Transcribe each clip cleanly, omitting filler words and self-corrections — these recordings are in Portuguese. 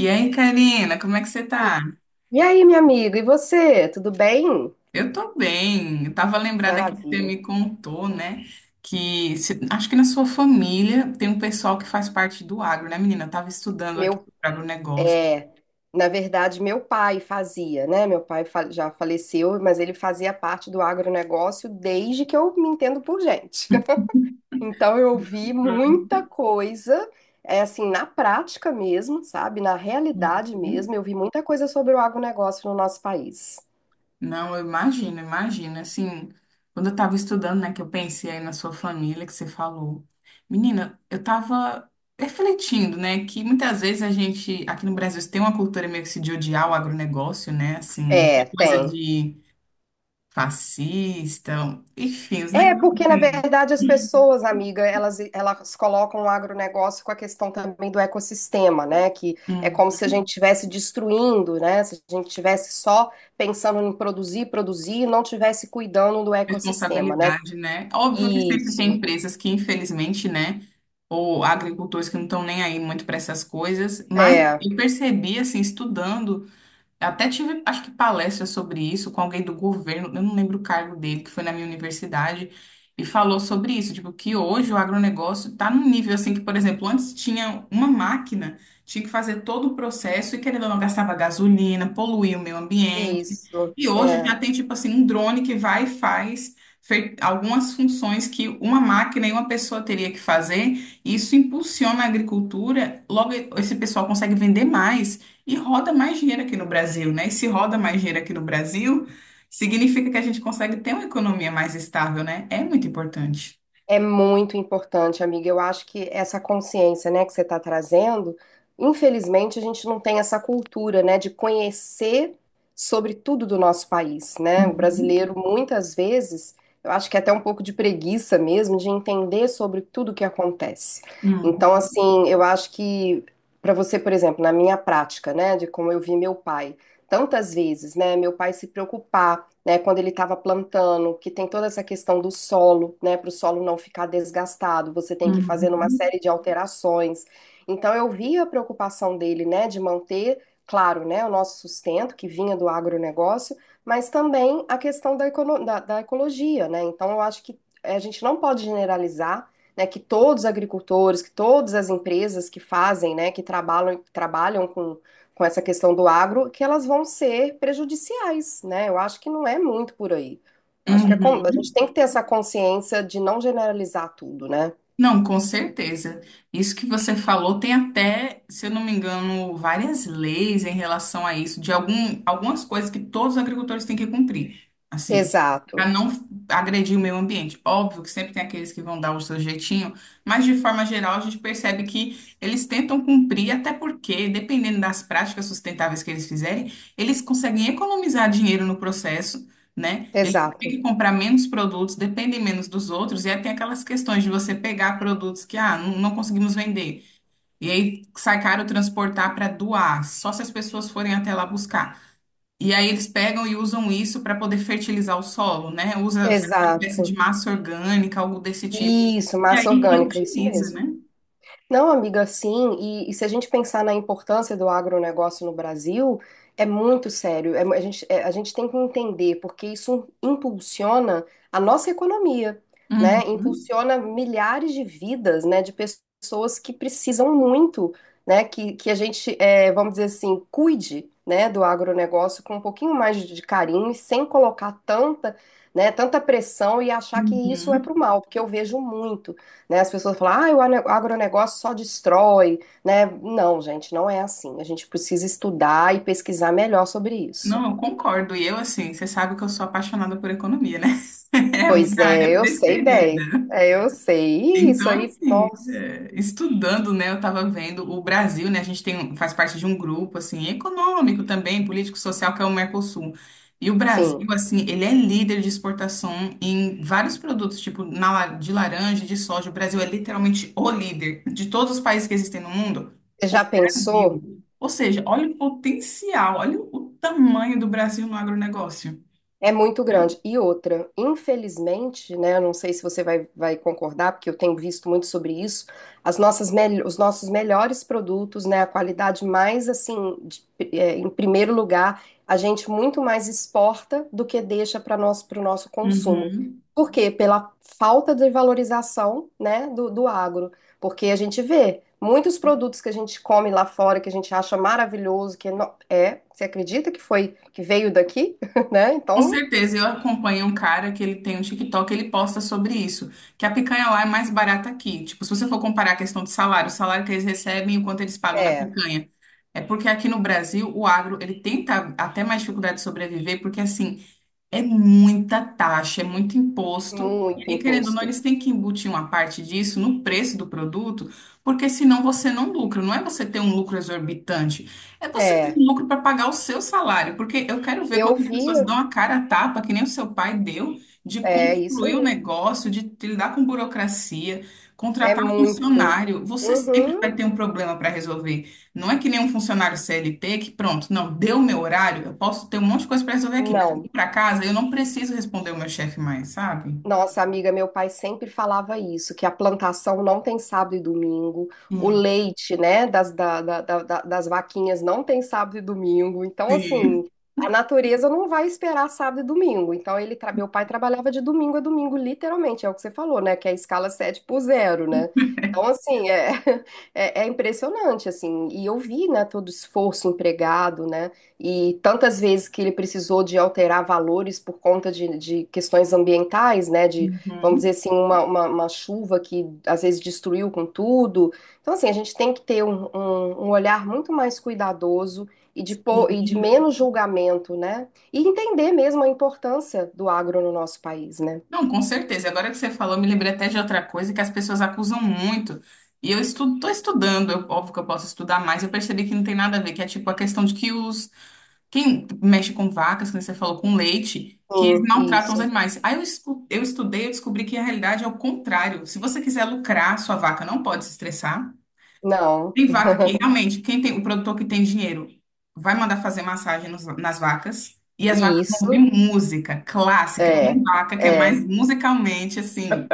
E aí, Karina, como é que você E tá? e aí, minha amiga, e você? Tudo bem? Eu tô bem. Eu tava lembrada que você Maravilha. me contou, né? Que se- Acho que na sua família tem um pessoal que faz parte do agro, né, menina? Eu tava estudando aqui Meu para agronegócio. pé. Na verdade, meu pai fazia, né? Já faleceu, mas ele fazia parte do agronegócio desde que eu me entendo por gente. Então, eu vi muita coisa, é assim, na prática mesmo, sabe? Na realidade Uhum. mesmo, eu vi muita coisa sobre o agronegócio no nosso país. Não, eu imagino, imagino. Assim, quando eu tava estudando, né, que eu pensei aí na sua família, que você falou. Menina, eu tava refletindo, né, que muitas vezes a gente, aqui no Brasil, tem uma cultura meio que se de odiar o agronegócio, né, assim, É, coisa tem. de fascista, enfim, os É, negócios porque na assim. verdade as pessoas, amiga, elas colocam o agronegócio com a questão também do ecossistema, né? Que é Hum, como se a gente estivesse destruindo, né? Se a gente estivesse só pensando em produzir, produzir e não estivesse cuidando do ecossistema, né? responsabilidade, né? Óbvio que sempre tem Isso, empresas que, infelizmente, né, ou agricultores que não estão nem aí muito para essas coisas, mas é, eu percebi, assim, estudando. Até tive, acho que palestra sobre isso com alguém do governo, eu não lembro o cargo dele, que foi na minha universidade, e falou sobre isso, tipo, que hoje o agronegócio está num nível assim que, por exemplo, antes tinha uma máquina, tinha que fazer todo o processo e querendo ou não gastava gasolina, poluía o meio ambiente. isso, E hoje já é. tem tipo assim um drone que vai e faz algumas funções que uma máquina e uma pessoa teria que fazer, e isso impulsiona a agricultura, logo esse pessoal consegue vender mais. E roda mais dinheiro aqui no Brasil, né? E se roda mais dinheiro aqui no Brasil, significa que a gente consegue ter uma economia mais estável, né? É muito importante. É muito importante, amiga. Eu acho que essa consciência, né, que você está trazendo, infelizmente a gente não tem essa cultura, né, de conhecer sobre tudo do nosso país, né? O Uhum, brasileiro muitas vezes, eu acho que é até um pouco de preguiça mesmo de entender sobre tudo o que acontece. Então, uhum, assim, eu acho que para você, por exemplo, na minha prática, né, de como eu vi meu pai, tantas vezes, né, meu pai se preocupar, né, quando ele estava plantando, que tem toda essa questão do solo, né, para o solo não ficar desgastado, você tem que fazer uma uhum. série de alterações. Então eu vi a preocupação dele, né, de manter, claro, né, o nosso sustento que vinha do agronegócio, mas também a questão da, da ecologia, né? Então eu acho que a gente não pode generalizar, né, que todos os agricultores, que todas as empresas que fazem, né, que trabalham com essa questão do agro, que elas vão ser prejudiciais, né? Eu acho que não é muito por aí. Acho que a, Uhum. a gente tem que ter essa consciência de não generalizar tudo, né? Não, com certeza. Isso que você falou tem até, se eu não me engano, várias leis em relação a isso, de algum, algumas coisas que todos os agricultores têm que cumprir, assim, para Exato, não agredir o meio ambiente. Óbvio que sempre tem aqueles que vão dar o seu jeitinho, mas de forma geral a gente percebe que eles tentam cumprir, até porque, dependendo das práticas sustentáveis que eles fizerem, eles conseguem economizar dinheiro no processo. Né? Tem exato, que comprar menos produtos, dependem menos dos outros, e aí tem aquelas questões de você pegar produtos que ah, não, não conseguimos vender, e aí sai caro transportar para doar, só se as pessoas forem até lá buscar. E aí eles pegam e usam isso para poder fertilizar o solo, né? Usa faz uma espécie de exato. massa orgânica, algo desse tipo. Isso, E massa aí orgânica, isso reutiliza, mesmo. né? Não, amiga, sim. E se a gente pensar na importância do agronegócio no Brasil, é muito sério. A gente, a gente tem que entender, porque isso impulsiona a nossa economia, né? Uhum. Impulsiona milhares de vidas, né? De pessoas que precisam muito, né? Que a gente, é, vamos dizer assim, cuide, né? Do agronegócio com um pouquinho mais de carinho e sem colocar tanta, né? Tanta pressão e achar que isso é Uhum. pro mal, porque eu vejo muito, né? As pessoas falam, ah, o agronegócio só destrói, né? Não, gente, não é assim. A gente precisa estudar e pesquisar melhor sobre isso. Não, eu concordo. E eu, assim, você sabe que eu sou apaixonada por economia, né? É a Pois minha é, área eu sei bem. preferida. É, eu sei. Ih, isso Então, aí, assim, nossa. é, estudando, né, eu estava vendo o Brasil, né, a gente tem, faz parte de um grupo, assim, econômico também, político, social, que é o Mercosul. E o Brasil, Sim. assim, ele é líder de exportação em vários produtos, tipo na, de laranja, de soja. O Brasil é literalmente o líder de todos os países que existem no mundo. Você já pensou? Brasil. Ou seja, olha o potencial, olha o tamanho do Brasil no agronegócio. É muito grande. E outra, infelizmente, né, eu não sei se você vai concordar, porque eu tenho visto muito sobre isso, as nossas os nossos melhores produtos, né, a qualidade mais, assim, é, em primeiro lugar, a gente muito mais exporta do que deixa para nós, para o nosso consumo. Uhum. Por quê? Pela falta de valorização, né, do, do agro. Porque a gente vê muitos produtos que a gente come lá fora, que a gente acha maravilhoso, que é, é, você acredita que foi, que veio daqui? Né? Com Então, certeza, eu acompanho um cara que ele tem um TikTok, ele posta sobre isso, que a picanha lá é mais barata aqui. Tipo, se você for comparar a questão de salário, o salário que eles recebem e o quanto eles pagam na é, picanha. É porque aqui no Brasil, o agro, ele tenta até mais dificuldade de sobreviver, porque assim, é muita taxa, é muito imposto. E muito aí, querendo ou não, imposto. eles têm que embutir uma parte disso no preço do produto, porque senão você não lucra. Não é você ter um lucro exorbitante, é você ter É. um lucro para pagar o seu salário. Porque eu quero ver Eu quantas vi, pessoas dão a cara a tapa, que nem o seu pai deu, de é isso construir o aí. negócio, de lidar com burocracia, É contratar muito. funcionário. Você sempre vai Uhum. ter um problema para resolver. Não é que nem um funcionário CLT que, pronto, não, deu o meu horário, eu posso ter um monte de coisa para resolver aqui, mas aqui Não. para casa eu não preciso responder o meu chefe mais, sabe? Nossa, amiga, meu pai sempre falava isso, que a plantação não tem sábado e domingo, o Hum. leite, né, das, da- da- da- da- das vaquinhas não tem sábado e domingo. Então, assim, Sim. a natureza não vai esperar sábado e domingo. Então, ele, meu pai trabalhava de domingo a domingo, literalmente, é o que você falou, né, que é a escala 7x0, né? Então, assim, é, é, é impressionante, assim, e eu vi, né, todo o esforço empregado, né? E tantas vezes que ele precisou de alterar valores por conta de questões ambientais, né? De, vamos dizer Uhum. assim, uma chuva que às vezes destruiu com tudo. Então, assim, a gente tem que ter um olhar muito mais cuidadoso e de, e de Uhum. menos julgamento, né? E entender mesmo a importância do agro no nosso país, né? Não, com certeza. Agora que você falou, eu me lembrei até de outra coisa que as pessoas acusam muito. E eu estudo, estou estudando, óbvio que eu posso estudar mais, eu percebi que não tem nada a ver, que é tipo a questão de que os quem mexe com vacas, como você falou, com leite, que eles Sim, maltratam os isso. animais. Aí eu, eu estudei, eu descobri que a realidade é o contrário. Se você quiser lucrar, sua vaca não pode se estressar. Não, Tem vaca que realmente, quem tem, o produtor que tem dinheiro vai mandar fazer massagem nas vacas. E as vacas vão ouvir isso, música clássica. Tem é, vaca que é mais é. musicalmente, assim,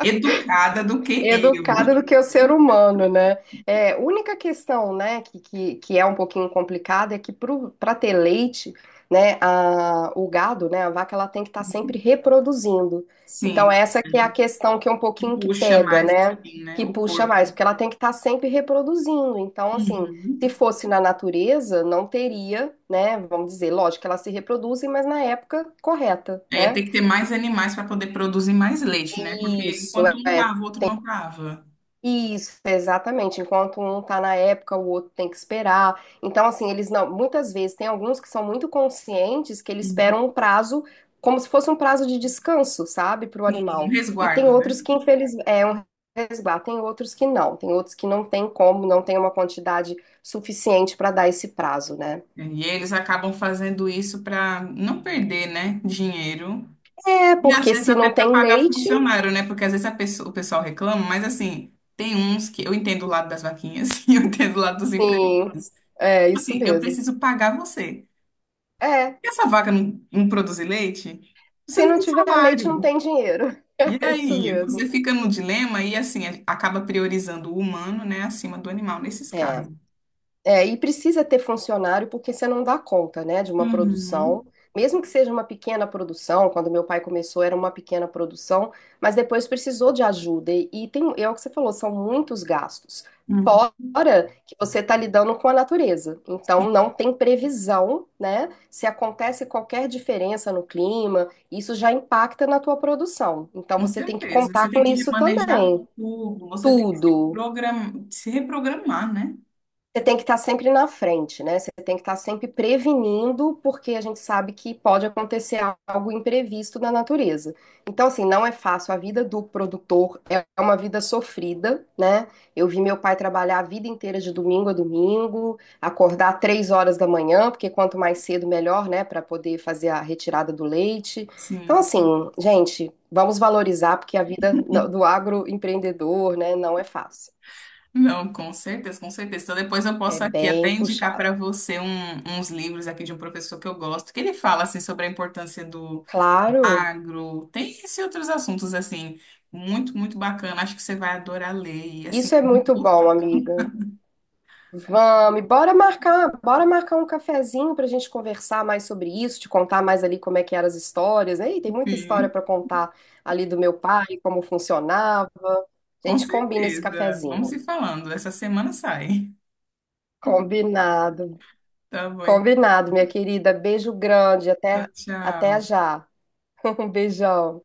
educada do que Educado eu. do que o ser humano, né? É, única questão, né, que é um pouquinho complicada é que para ter leite, né, a, o gado, né, a vaca, ela tem que estar sempre reproduzindo. Então, Sim, essa a que é a gente questão que é um pouquinho que puxa pega, mais, né, assim, né, que o puxa mais, corpo. porque ela tem que estar sempre reproduzindo. Então, assim, Uhum. se fosse na natureza, não teria, né, vamos dizer, lógico que elas se reproduzem, mas na época correta, É, né? tem que ter mais animais para poder produzir mais leite, né? Porque Isso, enquanto um é, cava, o outro não cava. isso, exatamente. Enquanto um tá na época, o outro tem que esperar. Então, assim, eles não. Muitas vezes tem alguns que são muito conscientes que eles Uhum. esperam um prazo, como se fosse um prazo de descanso, sabe, para o Sim, um animal. E tem resguardo, outros né? que, infelizmente, é um resguardo. Tem outros que não. Tem outros que não tem como, não tem uma quantidade suficiente para dar esse prazo, né? E eles acabam fazendo isso para não perder, né, dinheiro. É, E às porque vezes se até não para tem pagar leite, funcionário, né? Porque às vezes o pessoal reclama, mas assim, tem uns que eu entendo o lado das vaquinhas e eu entendo o lado dos empresários. sim. É isso Assim, eu mesmo. preciso pagar você. É. E essa vaca não, não produzir leite? Você Se não não tem tiver leite, não salário. tem dinheiro. E É isso aí, mesmo. você fica no dilema e assim acaba priorizando o humano, né, acima do animal nesses É. casos. É, e precisa ter funcionário porque você não dá conta, né, de uma produção, Uhum, mesmo que seja uma pequena produção. Quando meu pai começou era uma pequena produção, mas depois precisou de ajuda e tem, é o que você falou, são muitos gastos. uhum. Fora que você está lidando com a natureza, então não tem previsão, né? Se acontece qualquer diferença no clima, isso já impacta na tua produção. Então Com você tem que certeza. contar Você tem com que isso remanejar também. tudo, você tem que se Tudo. programar, se reprogramar, né? Você tem que estar sempre na frente, né? Você tem que estar sempre prevenindo, porque a gente sabe que pode acontecer algo imprevisto na natureza. Então, assim, não é fácil. A vida do produtor é uma vida sofrida, né? Eu vi meu pai trabalhar a vida inteira de domingo a domingo, acordar 3 horas da manhã, porque quanto mais cedo, melhor, né? Para poder fazer a retirada do leite. Então, Sim. assim, gente, vamos valorizar, porque a vida do agroempreendedor, né, não é fácil. Não, com certeza, com certeza. Então depois eu É posso aqui até bem indicar puxado. para você uns livros aqui de um professor que eu gosto, que ele fala assim sobre a importância do Claro. agro, tem esses outros assuntos assim, muito, muito bacana. Acho que você vai adorar ler e assim, Isso é é muito muito gostoso. bom, amiga. Vamos, e bora marcar um cafezinho pra gente conversar mais sobre isso, te contar mais ali como é que eram as histórias, né? E tem muita história pra contar ali do meu pai, como funcionava. A Com gente combina esse certeza. Vamos cafezinho. se falando. Essa semana sai. Combinado. Tá bom, Combinado, minha querida. Beijo grande, até então, até tchau. já. Um beijão.